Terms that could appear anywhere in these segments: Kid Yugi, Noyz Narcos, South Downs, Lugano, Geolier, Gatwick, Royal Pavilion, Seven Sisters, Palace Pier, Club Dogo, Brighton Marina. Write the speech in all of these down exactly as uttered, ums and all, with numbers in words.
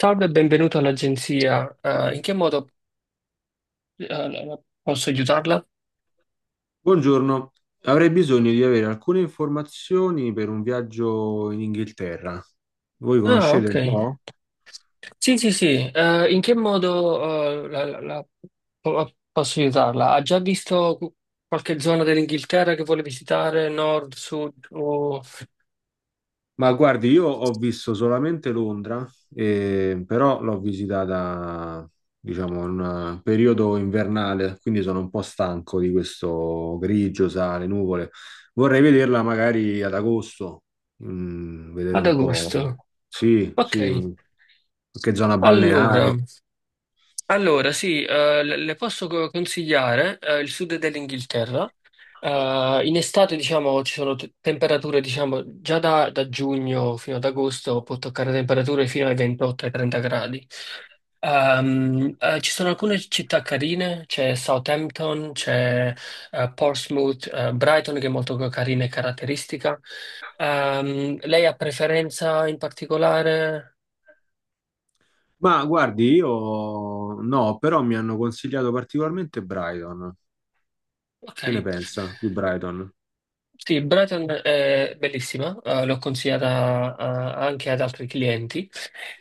Salve e benvenuto all'agenzia. Ah, in che modo eh, la- la- posso aiutarla? Buongiorno, avrei bisogno di avere alcune informazioni per un viaggio in Inghilterra. Voi Ah, conoscete ok. un po'? Sì, sì, sì. Eh, in che modo eh, la- la- la- po- posso aiutarla? Ha già visto cu- qualche zona dell'Inghilterra che vuole visitare, nord, sud o Ma guardi, io ho visto solamente Londra, eh, però l'ho visitata, diciamo, in un periodo invernale, quindi sono un po' stanco di questo grigio, sale, nuvole. Vorrei vederla magari ad agosto, mm, vedere ad un po'. agosto? Sì, Ok. sì, mm, qualche zona Allora. balneare. Allora, sì, eh, le le posso co- consigliare eh, il sud dell'Inghilterra. Eh, in estate, diciamo, ci sono t- temperature, diciamo, già da, da giugno fino ad agosto può toccare temperature fino ai ventotto ai trenta gradi. Ehm, eh, ci sono alcune città carine, c'è Southampton, c'è eh, Portsmouth, eh, Brighton che è molto carina e caratteristica. Ehm, lei ha preferenza in particolare? Ma guardi, io no, però mi hanno consigliato particolarmente Brighton. Ok. Che ne pensa di Brighton? Sì, Brighton è bellissima, eh, l'ho consigliata eh, anche ad altri clienti.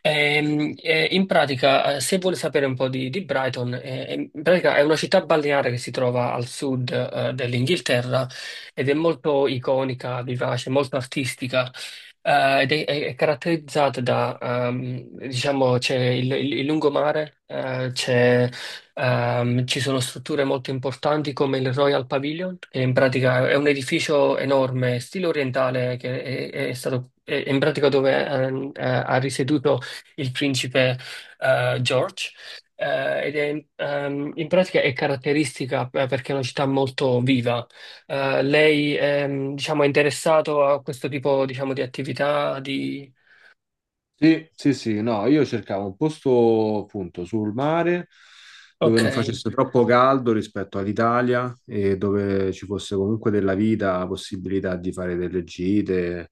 Ehm, eh, in pratica, eh, se vuole sapere un po' di, di Brighton, eh, eh, in pratica è una città balneare che si trova al sud, eh, dell'Inghilterra ed è molto iconica, vivace, molto artistica. Eh, ed è, è- è caratterizzata da, ehm, diciamo, c'è il, il- il lungomare, eh, c'è, ehm, ci sono strutture molto importanti come il Royal Pavilion, che in pratica è un edificio enorme, stile orientale, che è, è stato, è- è in pratica dove ehm, eh, ha risieduto il principe eh, George, eh, ed è ehm, in pratica è caratteristica eh, perché è una città molto viva. Eh, lei, ehm, diciamo, è interessato a questo tipo, diciamo, di attività di. Sì, sì, sì, no, io cercavo un posto appunto sul mare dove Ok. non facesse troppo caldo rispetto all'Italia e dove ci fosse comunque della vita, la possibilità di fare delle gite.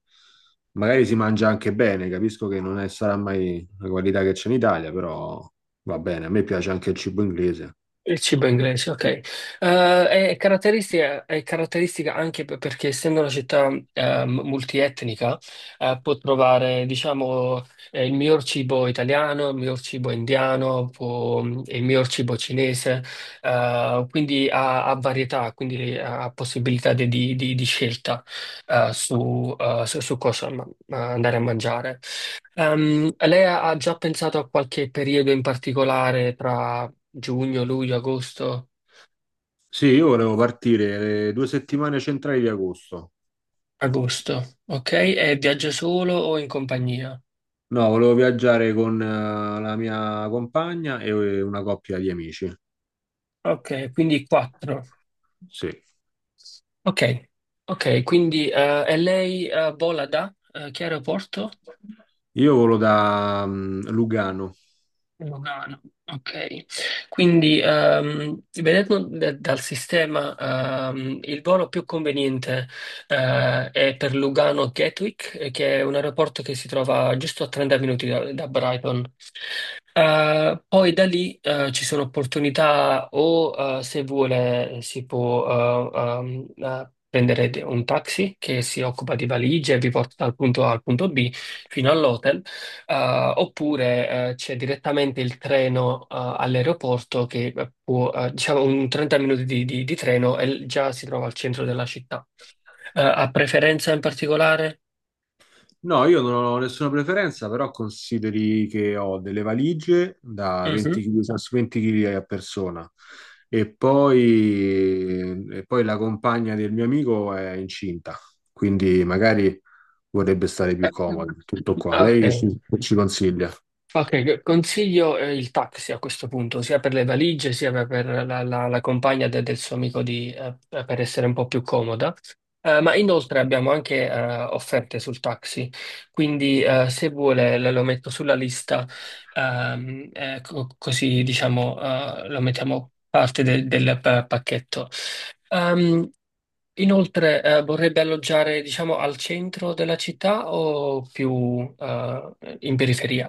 Magari si mangia anche bene, capisco che non è- sarà mai la qualità che c'è in Italia, però va bene, a me piace anche il cibo inglese. Il cibo inglese, ok. Eh, è caratteristica, è caratteristica anche per- perché essendo una città eh, m- multietnica, eh, può trovare, diciamo, eh, il miglior cibo italiano, il miglior cibo indiano, può- il miglior cibo cinese, eh, quindi ha, ha varietà, quindi eh, ha possibilità di, di- di- di scelta eh, su, eh, su- su cosa ma- ma andare a mangiare. Ehm, lei ha ha già pensato a qualche periodo in particolare? Giugno, luglio, agosto, Sì, io volevo partire le due settimane centrali di agosto. agosto, ok? E viaggia solo o in compagnia? No, volevo viaggiare con eh, la mia compagna e eh, una coppia di amici. Ok, quindi quattro. Sì. Ok, ok, quindi eh, e lei eh, vola da eh, che aeroporto? Io volo da mm, Lugano. Lugano, ok. Quindi, ehm, vedendo da- dal sistema, ehm, il volo più conveniente eh, è per Lugano Gatwick, eh, che è un aeroporto che si trova giusto a trenta minuti da, da Brighton. Eh, poi da lì, eh, ci sono opportunità o, eh, se vuole, si può, eh, ehm, eh, prendere de- un taxi che si occupa di valigie e vi porta dal punto A al punto B fino all'hotel, eh, oppure eh, c'è direttamente il treno eh, all'aeroporto che eh, può, eh, diciamo, un trenta minuti di, di- di treno e l- già si trova al centro della città. Eh, ha preferenza in particolare? No, io non ho nessuna preferenza, però consideri che ho delle valigie da Mhm. venti chili, a venti chili a persona. E poi, e poi la compagna del mio amico è incinta, quindi magari vorrebbe stare più Eh, comoda. Tutto qua. Lei ok. che ci, ci consiglia? Ok, consiglio eh, il taxi a questo punto, sia per le valigie, sia per per la, la- la compagna de- del suo amico di, eh, per essere un po' più comoda. Eh, ma inoltre abbiamo anche eh, offerte sul taxi, quindi eh, se vuole le- lo metto sulla lista, ehm, eh, co- così diciamo eh, lo mettiamo parte del, del pa- pacchetto. Ehm, Inoltre eh, vorrebbe alloggiare, diciamo, al centro della città o più eh, in periferia?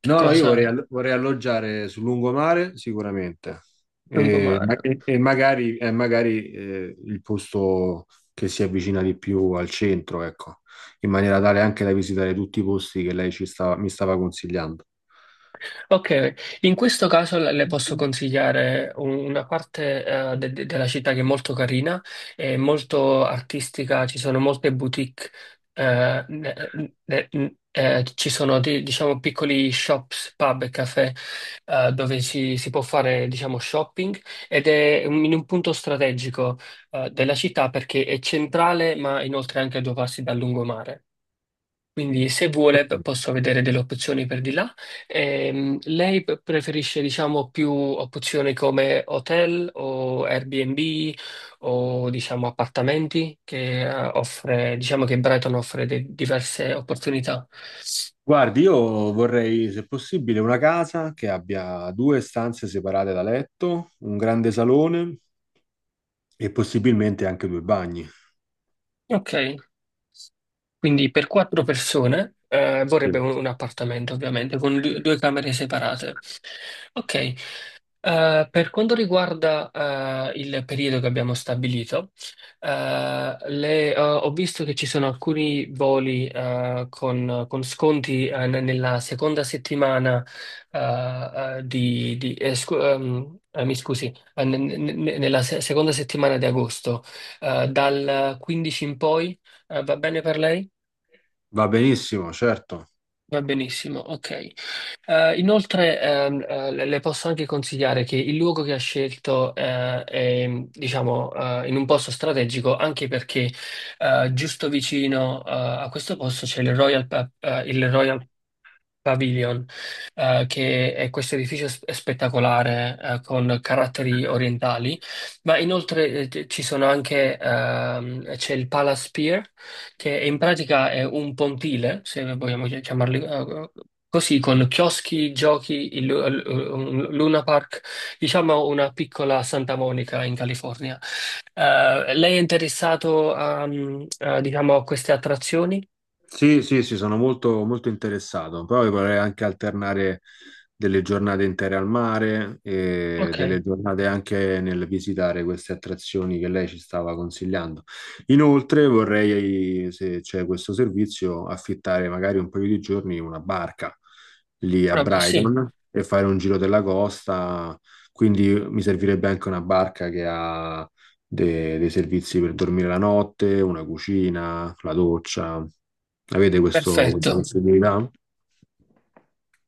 Che No, no, io vorrei, cosa? all- vorrei alloggiare sul lungomare sicuramente e, ma- Lungomare. e magari, e magari eh, il posto che si avvicina di più al centro, ecco, in maniera tale anche da visitare tutti i posti che lei ci stava- mi stava consigliando. Ok, in questo caso le le posso consigliare un- una parte eh, de- de- della città che è molto carina, è molto artistica, ci sono molte boutique, eh, ne- ne- ne- eh, ci sono di- diciamo piccoli shops, pub e caffè, eh, dove si, si può fare, diciamo, shopping ed è un- in un punto strategico eh, della città perché è centrale ma inoltre anche a due passi dal lungomare. Quindi se vuole p- Perfetto. posso vedere delle opzioni per di là. Ehm, lei p- preferisce, diciamo, più opzioni come hotel o Airbnb o, diciamo, appartamenti che eh, offre, diciamo, che Brighton offre de- diverse opportunità. Guardi, io vorrei, se possibile, una casa che abbia due stanze separate da letto, un grande salone e possibilmente anche due bagni. Ok, quindi per quattro persone eh, Sì. vorrebbe un, un appartamento, ovviamente, con du- due camere separate. Ok. Eh, per quanto riguarda eh, il periodo che abbiamo stabilito, eh, le- eh, ho visto che ci sono alcuni voli eh, con, con sconti eh, n- nella seconda settimana eh, eh, di, di- eh, scu- ehm, eh, mi scusi, eh, n- n- n- nella se- seconda settimana di agosto, eh, dal quindici in poi, eh, va bene per lei? Va benissimo, certo. Va benissimo, ok. Eh, inoltre ehm, eh, le le posso anche consigliare che il luogo che ha scelto eh, è, diciamo, eh, in un posto strategico, anche perché eh, giusto vicino eh, a questo posto c'è il Royal, Pa- eh, il Royal Pavilion, eh, che è questo edificio s- spettacolare, eh, con caratteri orientali, ma inoltre eh, c- ci sono anche, ehm, c'è il Palace Pier, che in pratica è un pontile, se vogliamo chi- chiamarli, eh, così, con chioschi, giochi, il, lu- l- un Luna Park, diciamo una piccola Santa Monica in California. Eh, lei è interessato a, mm, a, diciamo, a queste attrazioni? Sì, sì, sì, sono molto, molto interessato. Poi vorrei anche alternare delle giornate intere al mare e Ok, delle giornate anche nel visitare queste attrazioni che lei ci stava consigliando. Inoltre vorrei, se c'è questo servizio, affittare magari un paio di giorni una barca lì a vabbè, sì, Brighton e fare un giro della costa. Quindi mi servirebbe anche una barca che ha de- dei servizi per dormire la notte, una cucina, la doccia. Avete questo- questa perfetto. possibilità?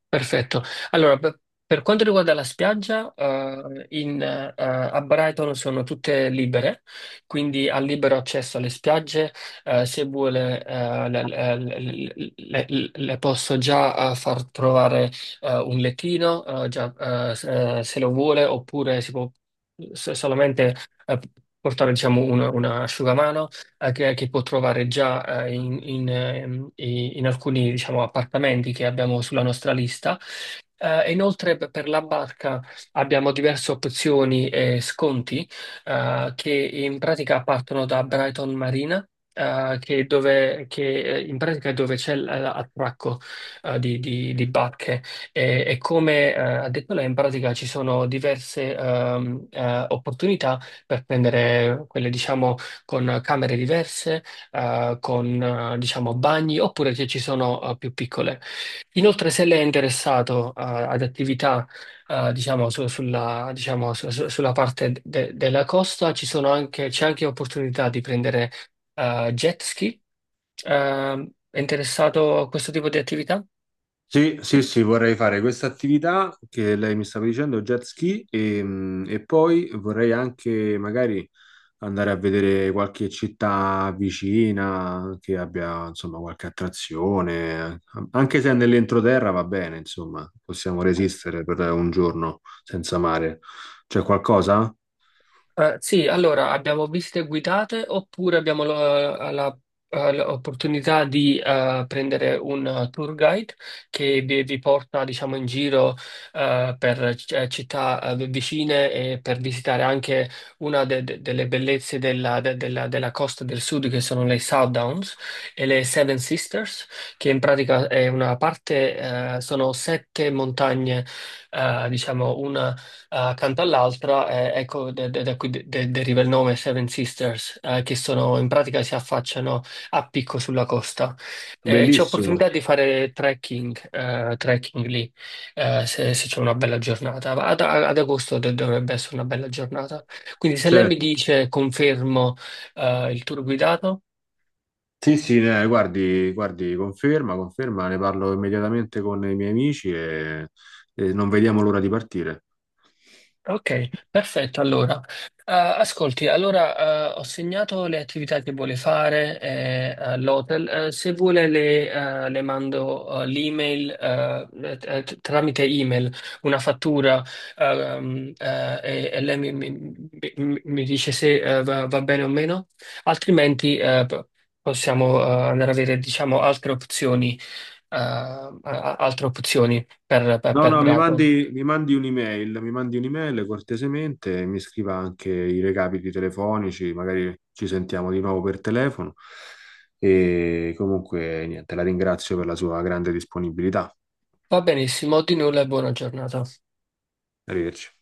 Perfetto. Allora, per per quanto riguarda la spiaggia, eh, in, eh, a Brighton sono tutte libere, quindi ha libero accesso alle spiagge. Eh, se vuole, eh, le, le- le- le- le posso già eh, far trovare eh, un lettino, eh, già, eh, se se lo vuole, oppure si può so- solamente eh, portare, diciamo, un, un asciugamano eh, che, che può trovare già eh, in, in, ehm, i- in alcuni, diciamo, appartamenti che abbiamo sulla nostra lista. Eh, e inoltre per per la barca abbiamo diverse opzioni e sconti eh, che in pratica partono da Brighton Marina. Eh, che è dove, che eh, In pratica è dove c'è l- l'attracco eh, di, di- di barche e, e come eh, ha detto lei in pratica ci sono diverse ehm, eh, opportunità per prendere quelle, diciamo, con camere diverse, eh, con eh, diciamo bagni, oppure se ci sono eh, più piccole. Inoltre, se lei è interessato eh, ad attività eh, diciamo, su- sulla, diciamo, su- su- sulla parte de- della costa, ci sono anche, c'è anche opportunità di prendere eh, jet ski. Eh, è interessato a questo tipo di attività? Sì, sì, sì, vorrei fare questa attività che lei mi stava dicendo, jet ski, e, mh, e poi vorrei anche magari andare a vedere qualche città vicina che abbia, insomma, qualche attrazione, anche se è nell'entroterra va bene, insomma, possiamo resistere per un giorno senza mare. C'è qualcosa? Eh, sì, allora abbiamo visite guidate oppure abbiamo la- eh, la- eh, l'opportunità di eh, prendere un eh, tour guide che vi, vi porta, diciamo, in giro eh, per eh, città eh, vicine e per visitare anche una de- de- delle bellezze della, de- della- della costa del sud che sono le South Downs e le Seven Sisters, che in pratica è una parte, eh, sono sette montagne, eh, diciamo, una accanto all'altra, eh, ecco de- de- da cui de- de- deriva il nome Seven Sisters, eh, che sono, in pratica, si affacciano a picco sulla costa. Eh, c'è Bellissimo. opportunità di fare trekking, eh, trekking lì, eh, se, se c'è una bella giornata. Ad, ad agosto de- dovrebbe essere una bella giornata. Quindi se lei mi Certo. dice confermo, eh, il tour guidato. Sì, sì, eh, guardi, guardi, conferma, conferma, ne parlo immediatamente con i miei amici e, e non vediamo l'ora di partire. Ok, perfetto. Allora. Eh, ascolti, allora eh, ho segnato le attività che vuole fare eh, all'hotel. Eh, se vuole le, eh, le mando eh, l'email, eh, eh, t- tramite email, una fattura, ehm, eh, e, e lei mi, mi- mi- mi dice se eh, va, va bene o meno, altrimenti eh, p- possiamo eh, andare a vedere, diciamo, altre opzioni, eh, a- a- altre opzioni per per- No, per no, mi Brighton. mandi, mi mandi un'email, mi mandi un'email cortesemente, mi scriva anche i recapiti telefonici, magari ci sentiamo di nuovo per telefono e comunque niente, la ringrazio per la sua grande disponibilità. Va benissimo, di nulla e buona giornata. Arrivederci.